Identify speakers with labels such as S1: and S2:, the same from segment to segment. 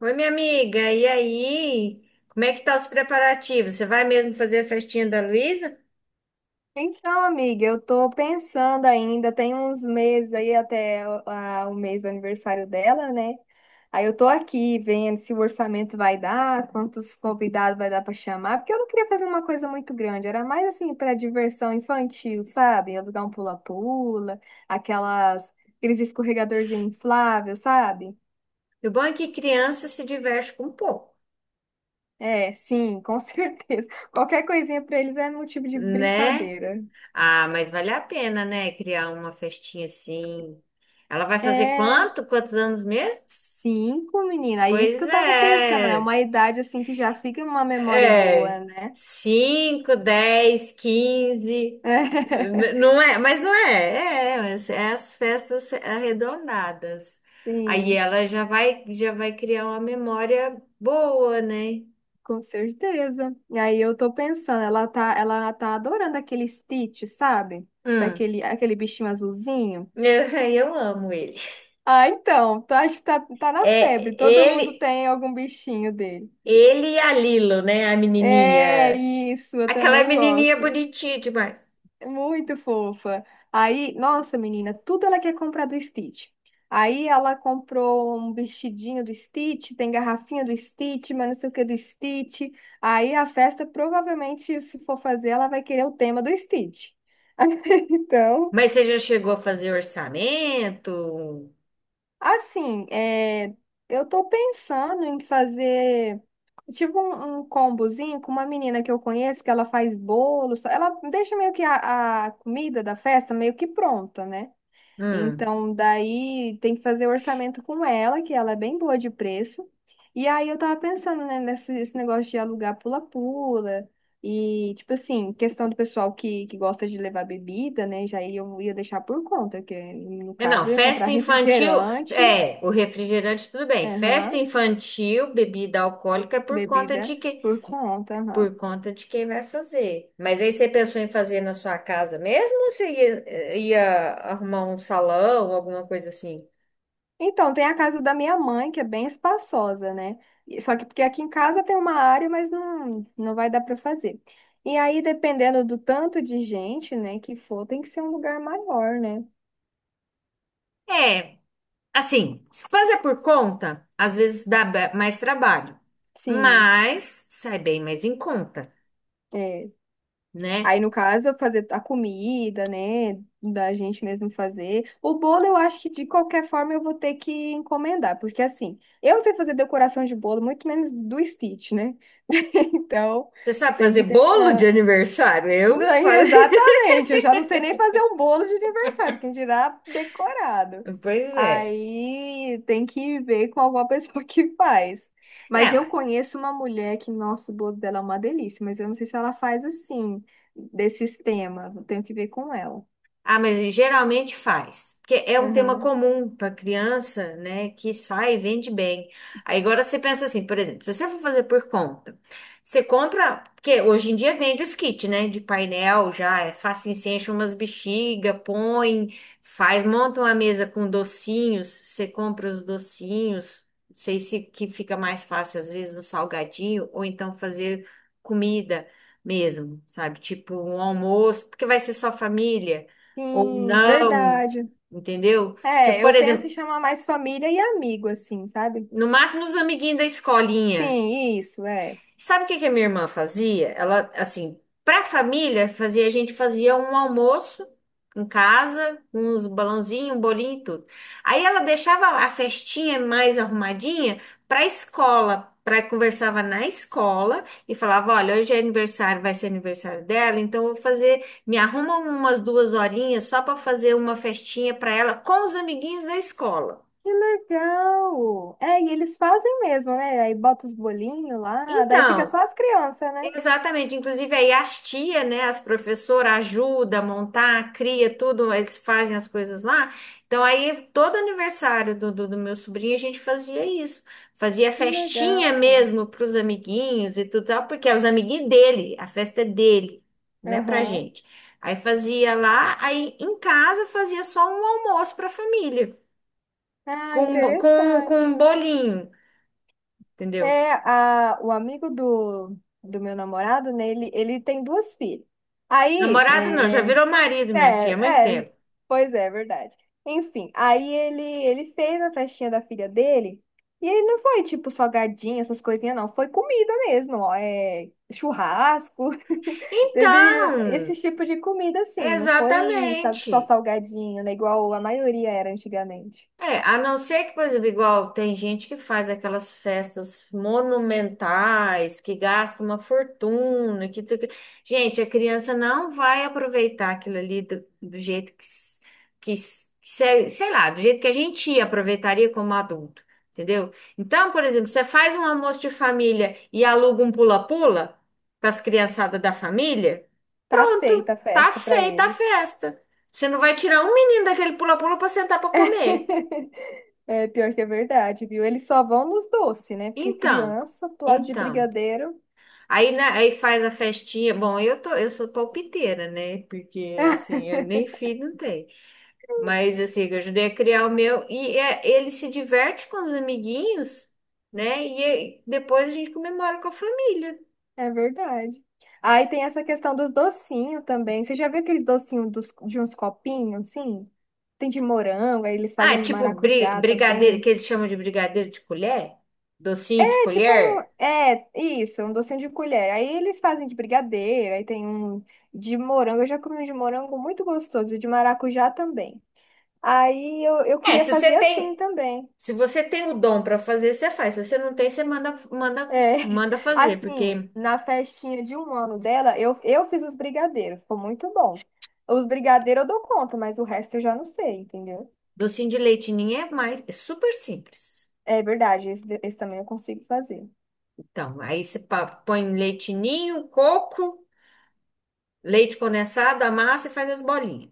S1: Oi, minha amiga, e aí? Como é que tá os preparativos? Você vai mesmo fazer a festinha da Luísa?
S2: Então, amiga, eu tô pensando ainda, tem uns meses aí até o mês do aniversário dela, né? Aí eu tô aqui vendo se o orçamento vai dar, quantos convidados vai dar pra chamar, porque eu não queria fazer uma coisa muito grande, era mais assim pra diversão infantil, sabe? Alugar um pula-pula, aquelas, aqueles escorregadorzinho infláveis sabe?
S1: E o bom é que criança se diverte com pouco,
S2: É, sim, com certeza. Qualquer coisinha pra eles é motivo de
S1: né?
S2: brincadeira.
S1: Ah, mas vale a pena, né? Criar uma festinha assim. Ela vai fazer
S2: É.
S1: quanto? Quantos anos mesmo?
S2: Cinco, menina, é isso que
S1: Pois
S2: eu tava pensando. É
S1: é.
S2: uma idade assim que já fica uma memória boa,
S1: É,
S2: né?
S1: 5 10 15 não é, mas não é, é, mas é as festas arredondadas. Aí
S2: Sim,
S1: ela já vai criar uma memória boa, né?
S2: com certeza. E aí eu tô pensando, ela tá adorando aquele Stitch, sabe?
S1: Hum,
S2: Daquele, aquele bichinho azulzinho.
S1: eu amo ele.
S2: Ah, então, tá, acho que tá na febre.
S1: É,
S2: Todo mundo
S1: ele,
S2: tem algum bichinho dele.
S1: Ele e a Lilo, né? A
S2: É
S1: menininha,
S2: isso, eu
S1: aquela
S2: também
S1: menininha
S2: gosto.
S1: bonitinha demais.
S2: Muito fofa. Aí, nossa, menina, tudo ela quer comprar do Stitch. Aí ela comprou um vestidinho do Stitch, tem garrafinha do Stitch, mas não sei o que do Stitch. Aí a festa, provavelmente, se for fazer, ela vai querer o tema do Stitch. Então,
S1: Mas você já chegou a fazer orçamento?
S2: assim, é, eu tô pensando em fazer tipo um combozinho com uma menina que eu conheço, que ela faz bolo, ela deixa meio que a comida da festa meio que pronta, né?
S1: Hum.
S2: Então, daí tem que fazer orçamento com ela, que ela é bem boa de preço. E aí eu tava pensando, né, nesse esse negócio de alugar pula-pula. E, tipo assim, questão do pessoal que gosta de levar bebida, né? Já aí eu ia deixar por conta, que no
S1: É, não,
S2: caso eu ia comprar
S1: festa infantil,
S2: refrigerante,
S1: é, o refrigerante tudo bem. Festa
S2: aham,
S1: infantil, bebida alcoólica é por conta
S2: bebida
S1: de que,
S2: por conta, aham.
S1: por conta de quem vai fazer. Mas aí você pensou em fazer na sua casa mesmo ou ia arrumar um salão, alguma coisa assim?
S2: Então, tem a casa da minha mãe, que é bem espaçosa, né? E só que porque aqui em casa tem uma área, mas não, não vai dar para fazer. E aí, dependendo do tanto de gente, né, que for, tem que ser um lugar maior, né?
S1: É, assim, se fazer por conta, às vezes dá mais trabalho,
S2: Sim,
S1: mas sai bem mais em conta,
S2: é.
S1: né?
S2: Aí, no caso, eu fazer a comida, né, da gente mesmo fazer. O bolo, eu acho que de qualquer forma eu vou ter que encomendar, porque assim, eu não sei fazer decoração de bolo, muito menos do Stitch, né? Então,
S1: Você sabe
S2: tem
S1: fazer
S2: que
S1: bolo
S2: deixar.
S1: de aniversário? Eu
S2: Não,
S1: faço.
S2: exatamente, eu já não sei nem fazer um bolo de aniversário, quem dirá decorado.
S1: Pois é.
S2: Aí tem que ver com alguma pessoa que faz. Mas eu
S1: É.
S2: conheço uma mulher que, nossa, o bolo dela é uma delícia, mas eu não sei se ela faz assim, desse sistema. Eu tenho que ver com ela.
S1: Ah, mas geralmente faz. Porque é um tema
S2: Aham.
S1: comum para criança, né? Que sai e vende bem. Aí agora você pensa assim, por exemplo, se você for fazer por conta, você compra. Porque hoje em dia vende os kits, né? De painel já. É fácil, você enche umas bexiga, põe, faz, monta uma mesa com docinhos. Você compra os docinhos. Não sei se que fica mais fácil, às vezes, um salgadinho, ou então fazer comida mesmo, sabe? Tipo um almoço, porque vai ser só família ou
S2: Sim,
S1: não,
S2: verdade.
S1: entendeu? Se,
S2: É,
S1: por
S2: eu penso em
S1: exemplo,
S2: chamar mais família e amigo, assim, sabe?
S1: no máximo os amiguinhos da escolinha.
S2: Sim, isso, é.
S1: Sabe o que que a minha irmã fazia? Ela, assim, para a família, fazia, a gente fazia um almoço em casa, uns balãozinhos, um bolinho e tudo. Aí ela deixava a festinha mais arrumadinha para a escola. Pra, conversava na escola e falava: Olha, hoje é aniversário, vai ser aniversário dela, então eu vou fazer. Me arruma umas duas horinhas só para fazer uma festinha para ela com os amiguinhos da escola.
S2: Que legal! É, e eles fazem mesmo, né? Aí bota os bolinhos lá, daí fica
S1: Então,
S2: só as crianças, né?
S1: exatamente, inclusive aí as tia, né, as professoras ajudam a montar, cria tudo, eles fazem as coisas lá. Então aí todo aniversário do meu sobrinho a gente fazia isso, fazia
S2: Que
S1: festinha
S2: legal!
S1: mesmo para os amiguinhos e tudo tal, porque é os amiguinhos dele, a festa é dele, né, pra
S2: Aham.
S1: gente. Aí fazia lá, aí em casa fazia só um almoço para a família,
S2: Ah,
S1: com um
S2: interessante.
S1: bolinho, entendeu?
S2: É, a, o amigo do, do meu namorado, né? Ele tem duas filhas. Aí,
S1: Namorado não,
S2: é,
S1: já virou marido, minha filha, há muito
S2: é, é,
S1: tempo.
S2: pois é, é verdade. Enfim, aí ele fez a festinha da filha dele, e ele não foi tipo salgadinho, essas coisinhas, não. Foi comida mesmo, ó, é, churrasco, teve esse
S1: Então,
S2: tipo de comida, assim, não foi sa- só
S1: exatamente.
S2: salgadinho, né? Igual a maioria era antigamente.
S1: É, a não ser que, por exemplo, igual tem gente que faz aquelas festas monumentais, que gasta uma fortuna, que não sei o quê. Gente, a criança não vai aproveitar aquilo ali do jeito que, s- que, s- que se- sei lá, do jeito que a gente aproveitaria como adulto, entendeu? Então, por exemplo, você faz um almoço de família e aluga um pula-pula para as criançadas da família,
S2: Tá feita a
S1: pronto, tá
S2: festa pra
S1: feita a
S2: eles.
S1: festa. Você não vai tirar um menino daquele pula-pula para sentar para comer.
S2: É pior que é verdade, viu? Eles só vão nos doces, né? Porque
S1: Então,
S2: criança, pro lado de
S1: então.
S2: brigadeiro.
S1: Aí, né, aí faz a festinha. Bom, eu tô, eu sou palpiteira, né? Porque assim, eu nem filho não tenho. Mas assim, eu ajudei a criar o meu e é, ele se diverte com os amiguinhos, né? E aí, depois a gente comemora com a família.
S2: É verdade. Aí tem essa questão dos docinhos também. Você já viu aqueles docinhos dos, de uns copinhos, assim? Tem de morango, aí eles
S1: Ah,
S2: fazem de
S1: tipo
S2: maracujá
S1: brigadeiro,
S2: também.
S1: que eles chamam de brigadeiro de colher, docinho de
S2: É tipo um.
S1: colher.
S2: É, isso, um docinho de colher. Aí eles fazem de brigadeiro, aí tem um de morango. Eu já comi um de morango muito gostoso, e de maracujá também. Aí eu
S1: É,
S2: queria
S1: se
S2: fazer
S1: você
S2: assim
S1: tem,
S2: também.
S1: se você tem o dom para fazer, você faz. Se você não tem, você manda
S2: É,
S1: manda manda fazer,
S2: assim,
S1: porque
S2: na festinha de um ano dela, eu fiz os brigadeiros, ficou muito bom. Os brigadeiros eu dou conta, mas o resto eu já não sei, entendeu?
S1: docinho de leite ninho é mais, é super simples.
S2: É verdade, esse também eu consigo fazer.
S1: Então, aí você põe leite ninho, coco, leite condensado, amassa e faz as bolinhas,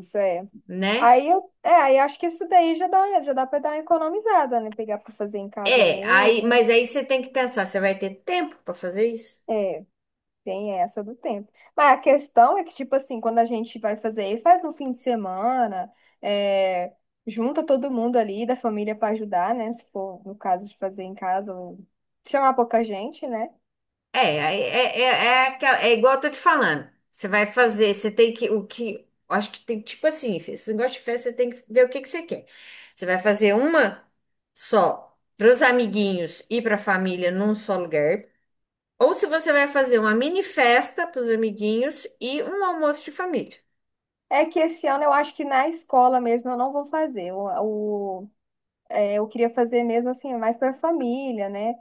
S2: Isso, é.
S1: né?
S2: Aí eu, é, aí acho que isso daí já dá pra dar uma economizada, né? Pegar pra fazer em casa
S1: É, aí,
S2: mesmo.
S1: mas aí você tem que pensar, você vai ter tempo para fazer isso?
S2: É. Tem essa do tempo. Mas a questão é que, tipo assim, quando a gente vai fazer isso, faz no fim de semana, é, junta todo mundo ali da família para ajudar, né? Se for no caso de fazer em casa, ou chamar pouca gente, né?
S1: É, aí é igual eu tô te falando. Você vai fazer, você tem que, o que, acho que tem, tipo assim, esse negócio de festa, você tem que ver o que que você quer. Você vai fazer uma só para os amiguinhos e para a família num só lugar. Ou se você vai fazer uma mini festa para os amiguinhos e um almoço de família.
S2: É que esse ano eu acho que na escola mesmo eu não vou fazer. É, eu queria fazer mesmo assim, mais para família, né?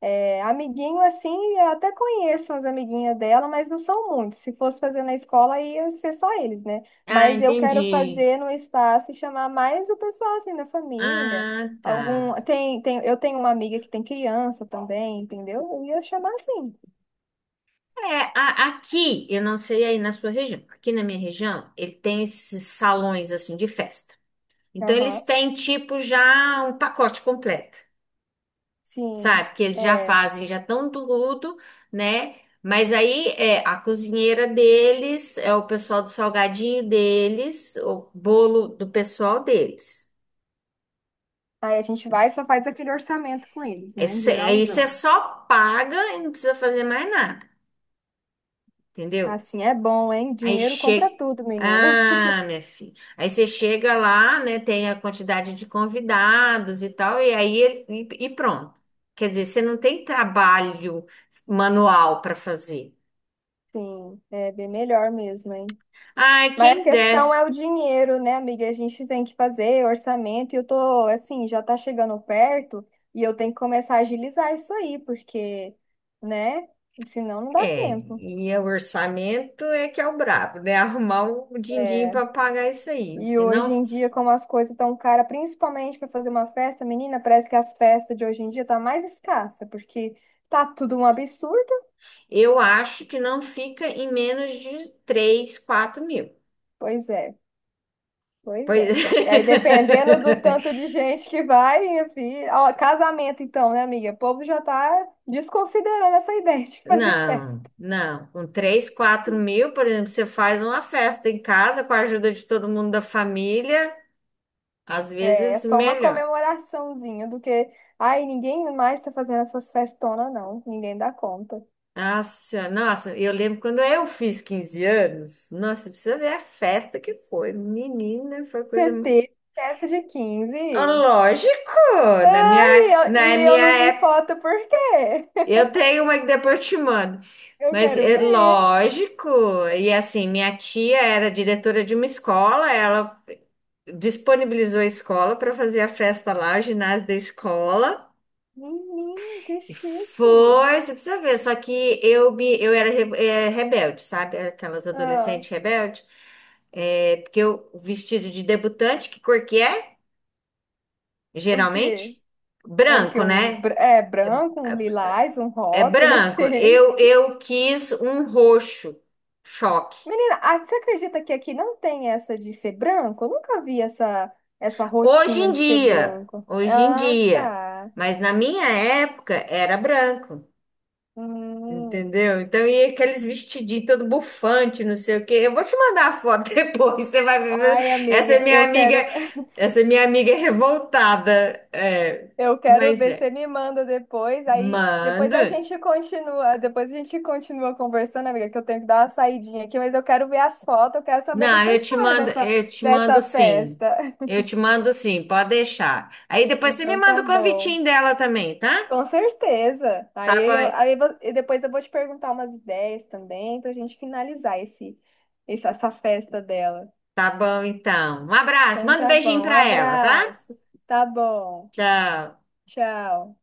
S2: É, amiguinho, assim, eu até conheço umas amiguinhas dela, mas não são muitos. Se fosse fazer na escola, ia ser só eles, né?
S1: Ah,
S2: Mas eu quero
S1: entendi.
S2: fazer no espaço e chamar mais o pessoal, assim, da família.
S1: Ah, tá.
S2: Algum. Tem, tem. Eu tenho uma amiga que tem criança também, entendeu? Eu ia chamar assim.
S1: É, a- aqui, eu não sei aí na sua região. Aqui na minha região, ele tem esses salões assim de festa. Então eles
S2: Aham,
S1: têm tipo já um pacote completo,
S2: sim.
S1: sabe? Que eles já
S2: É.
S1: fazem, já estão tudo, né? Mas aí é a cozinheira deles, é o pessoal do salgadinho deles, o bolo do pessoal deles.
S2: Aí a gente vai e só faz aquele orçamento com eles, né?
S1: Isso, é- aí você
S2: Geralzão.
S1: só paga e não precisa fazer mais nada, entendeu?
S2: Assim é bom, hein?
S1: Aí
S2: Dinheiro compra
S1: chega.
S2: tudo, menina.
S1: Ah, minha filha. Aí você chega lá, né? Tem a quantidade de convidados e tal, e aí ele, e pronto. Quer dizer, você não tem trabalho manual para fazer.
S2: Sim, é bem melhor mesmo, hein?
S1: Ai,
S2: Mas a
S1: quem
S2: questão
S1: der.
S2: é o dinheiro, né, amiga? A gente tem que fazer orçamento e eu tô, assim, já tá chegando perto e eu tenho que começar a agilizar isso aí, porque, né, senão não dá
S1: É,
S2: tempo.
S1: e o orçamento é que é o brabo, né? Arrumar o din-din
S2: É,
S1: para pagar isso aí.
S2: e
S1: Que não,
S2: hoje em dia, como as coisas estão caras, principalmente para fazer uma festa, menina, parece que as festas de hoje em dia tá mais escassa, porque tá tudo um absurdo.
S1: eu acho que não fica em menos de 3, 4 mil.
S2: Pois é. Pois
S1: Pois
S2: é. E aí, dependendo do
S1: é.
S2: tanto de gente que vai, minha filha. Ó, casamento, então, né, amiga? O povo já tá desconsiderando essa ideia de fazer
S1: Não,
S2: festa.
S1: não. Com 3 4 mil, por exemplo, você faz uma festa em casa com a ajuda de todo mundo da família, às
S2: É,
S1: vezes
S2: só uma
S1: melhor.
S2: comemoraçãozinha do que. Ai, ninguém mais tá fazendo essas festonas, não. Ninguém dá conta.
S1: Nossa, Senhora, nossa, eu lembro quando eu fiz 15 anos. Nossa, você precisa ver a festa que foi. Menina, foi coisa.
S2: Você teve festa de
S1: Ah,
S2: 15?
S1: lógico, na
S2: E eu
S1: minha
S2: não vi
S1: época.
S2: foto, por quê?
S1: Eu tenho uma que depois eu te mando.
S2: Eu
S1: Mas
S2: quero
S1: é
S2: ver.
S1: lógico, e assim, minha tia era diretora de uma escola, ela disponibilizou a escola para fazer a festa lá, o ginásio da escola.
S2: Menina, que
S1: E
S2: chique.
S1: foi, você precisa ver, só que eu era rebelde, sabe? Aquelas
S2: Ah,
S1: adolescentes rebeldes. É, porque eu, vestido de debutante, que cor que é?
S2: o
S1: Geralmente?
S2: quê? É o que
S1: Branco,
S2: um
S1: né?
S2: é branco, um lilás, um
S1: É
S2: rosa, não
S1: branco.
S2: sei.
S1: Eu quis um roxo. Choque.
S2: Menina, ah, você acredita que aqui não tem essa de ser branco? Eu nunca vi essa,
S1: Hoje
S2: rotina
S1: em
S2: de ser
S1: dia,
S2: branco.
S1: hoje em
S2: Ah,
S1: dia.
S2: tá.
S1: Mas na minha época era branco.
S2: Hum.
S1: Entendeu? Então, e aqueles vestidinhos todo bufante, não sei o quê. Eu vou te mandar a foto depois, você vai ver.
S2: Ai,
S1: Essa é
S2: amiga,
S1: minha
S2: eu
S1: amiga,
S2: quero,
S1: essa é minha amiga é revoltada. É,
S2: eu quero
S1: mas
S2: ver,
S1: é.
S2: você me manda depois, aí depois
S1: Mando.
S2: a gente continua, depois a gente continua conversando, amiga, que eu tenho que dar uma saidinha aqui, mas eu quero ver as fotos, eu quero saber
S1: Não,
S2: dessa
S1: eu te
S2: história
S1: mando,
S2: dessa, dessa festa.
S1: eu te mando sim, pode deixar. Aí depois você me
S2: Então
S1: manda
S2: tá
S1: o
S2: bom.
S1: convitinho dela também, tá?
S2: Com certeza. Aí,
S1: Tá bom,
S2: e depois eu vou te perguntar umas ideias também pra gente finalizar esse, essa festa dela.
S1: tá bom então. Um abraço,
S2: Então
S1: manda um
S2: tá
S1: beijinho
S2: bom. Um
S1: pra ela, tá?
S2: abraço. Tá bom.
S1: Tchau.
S2: Tchau.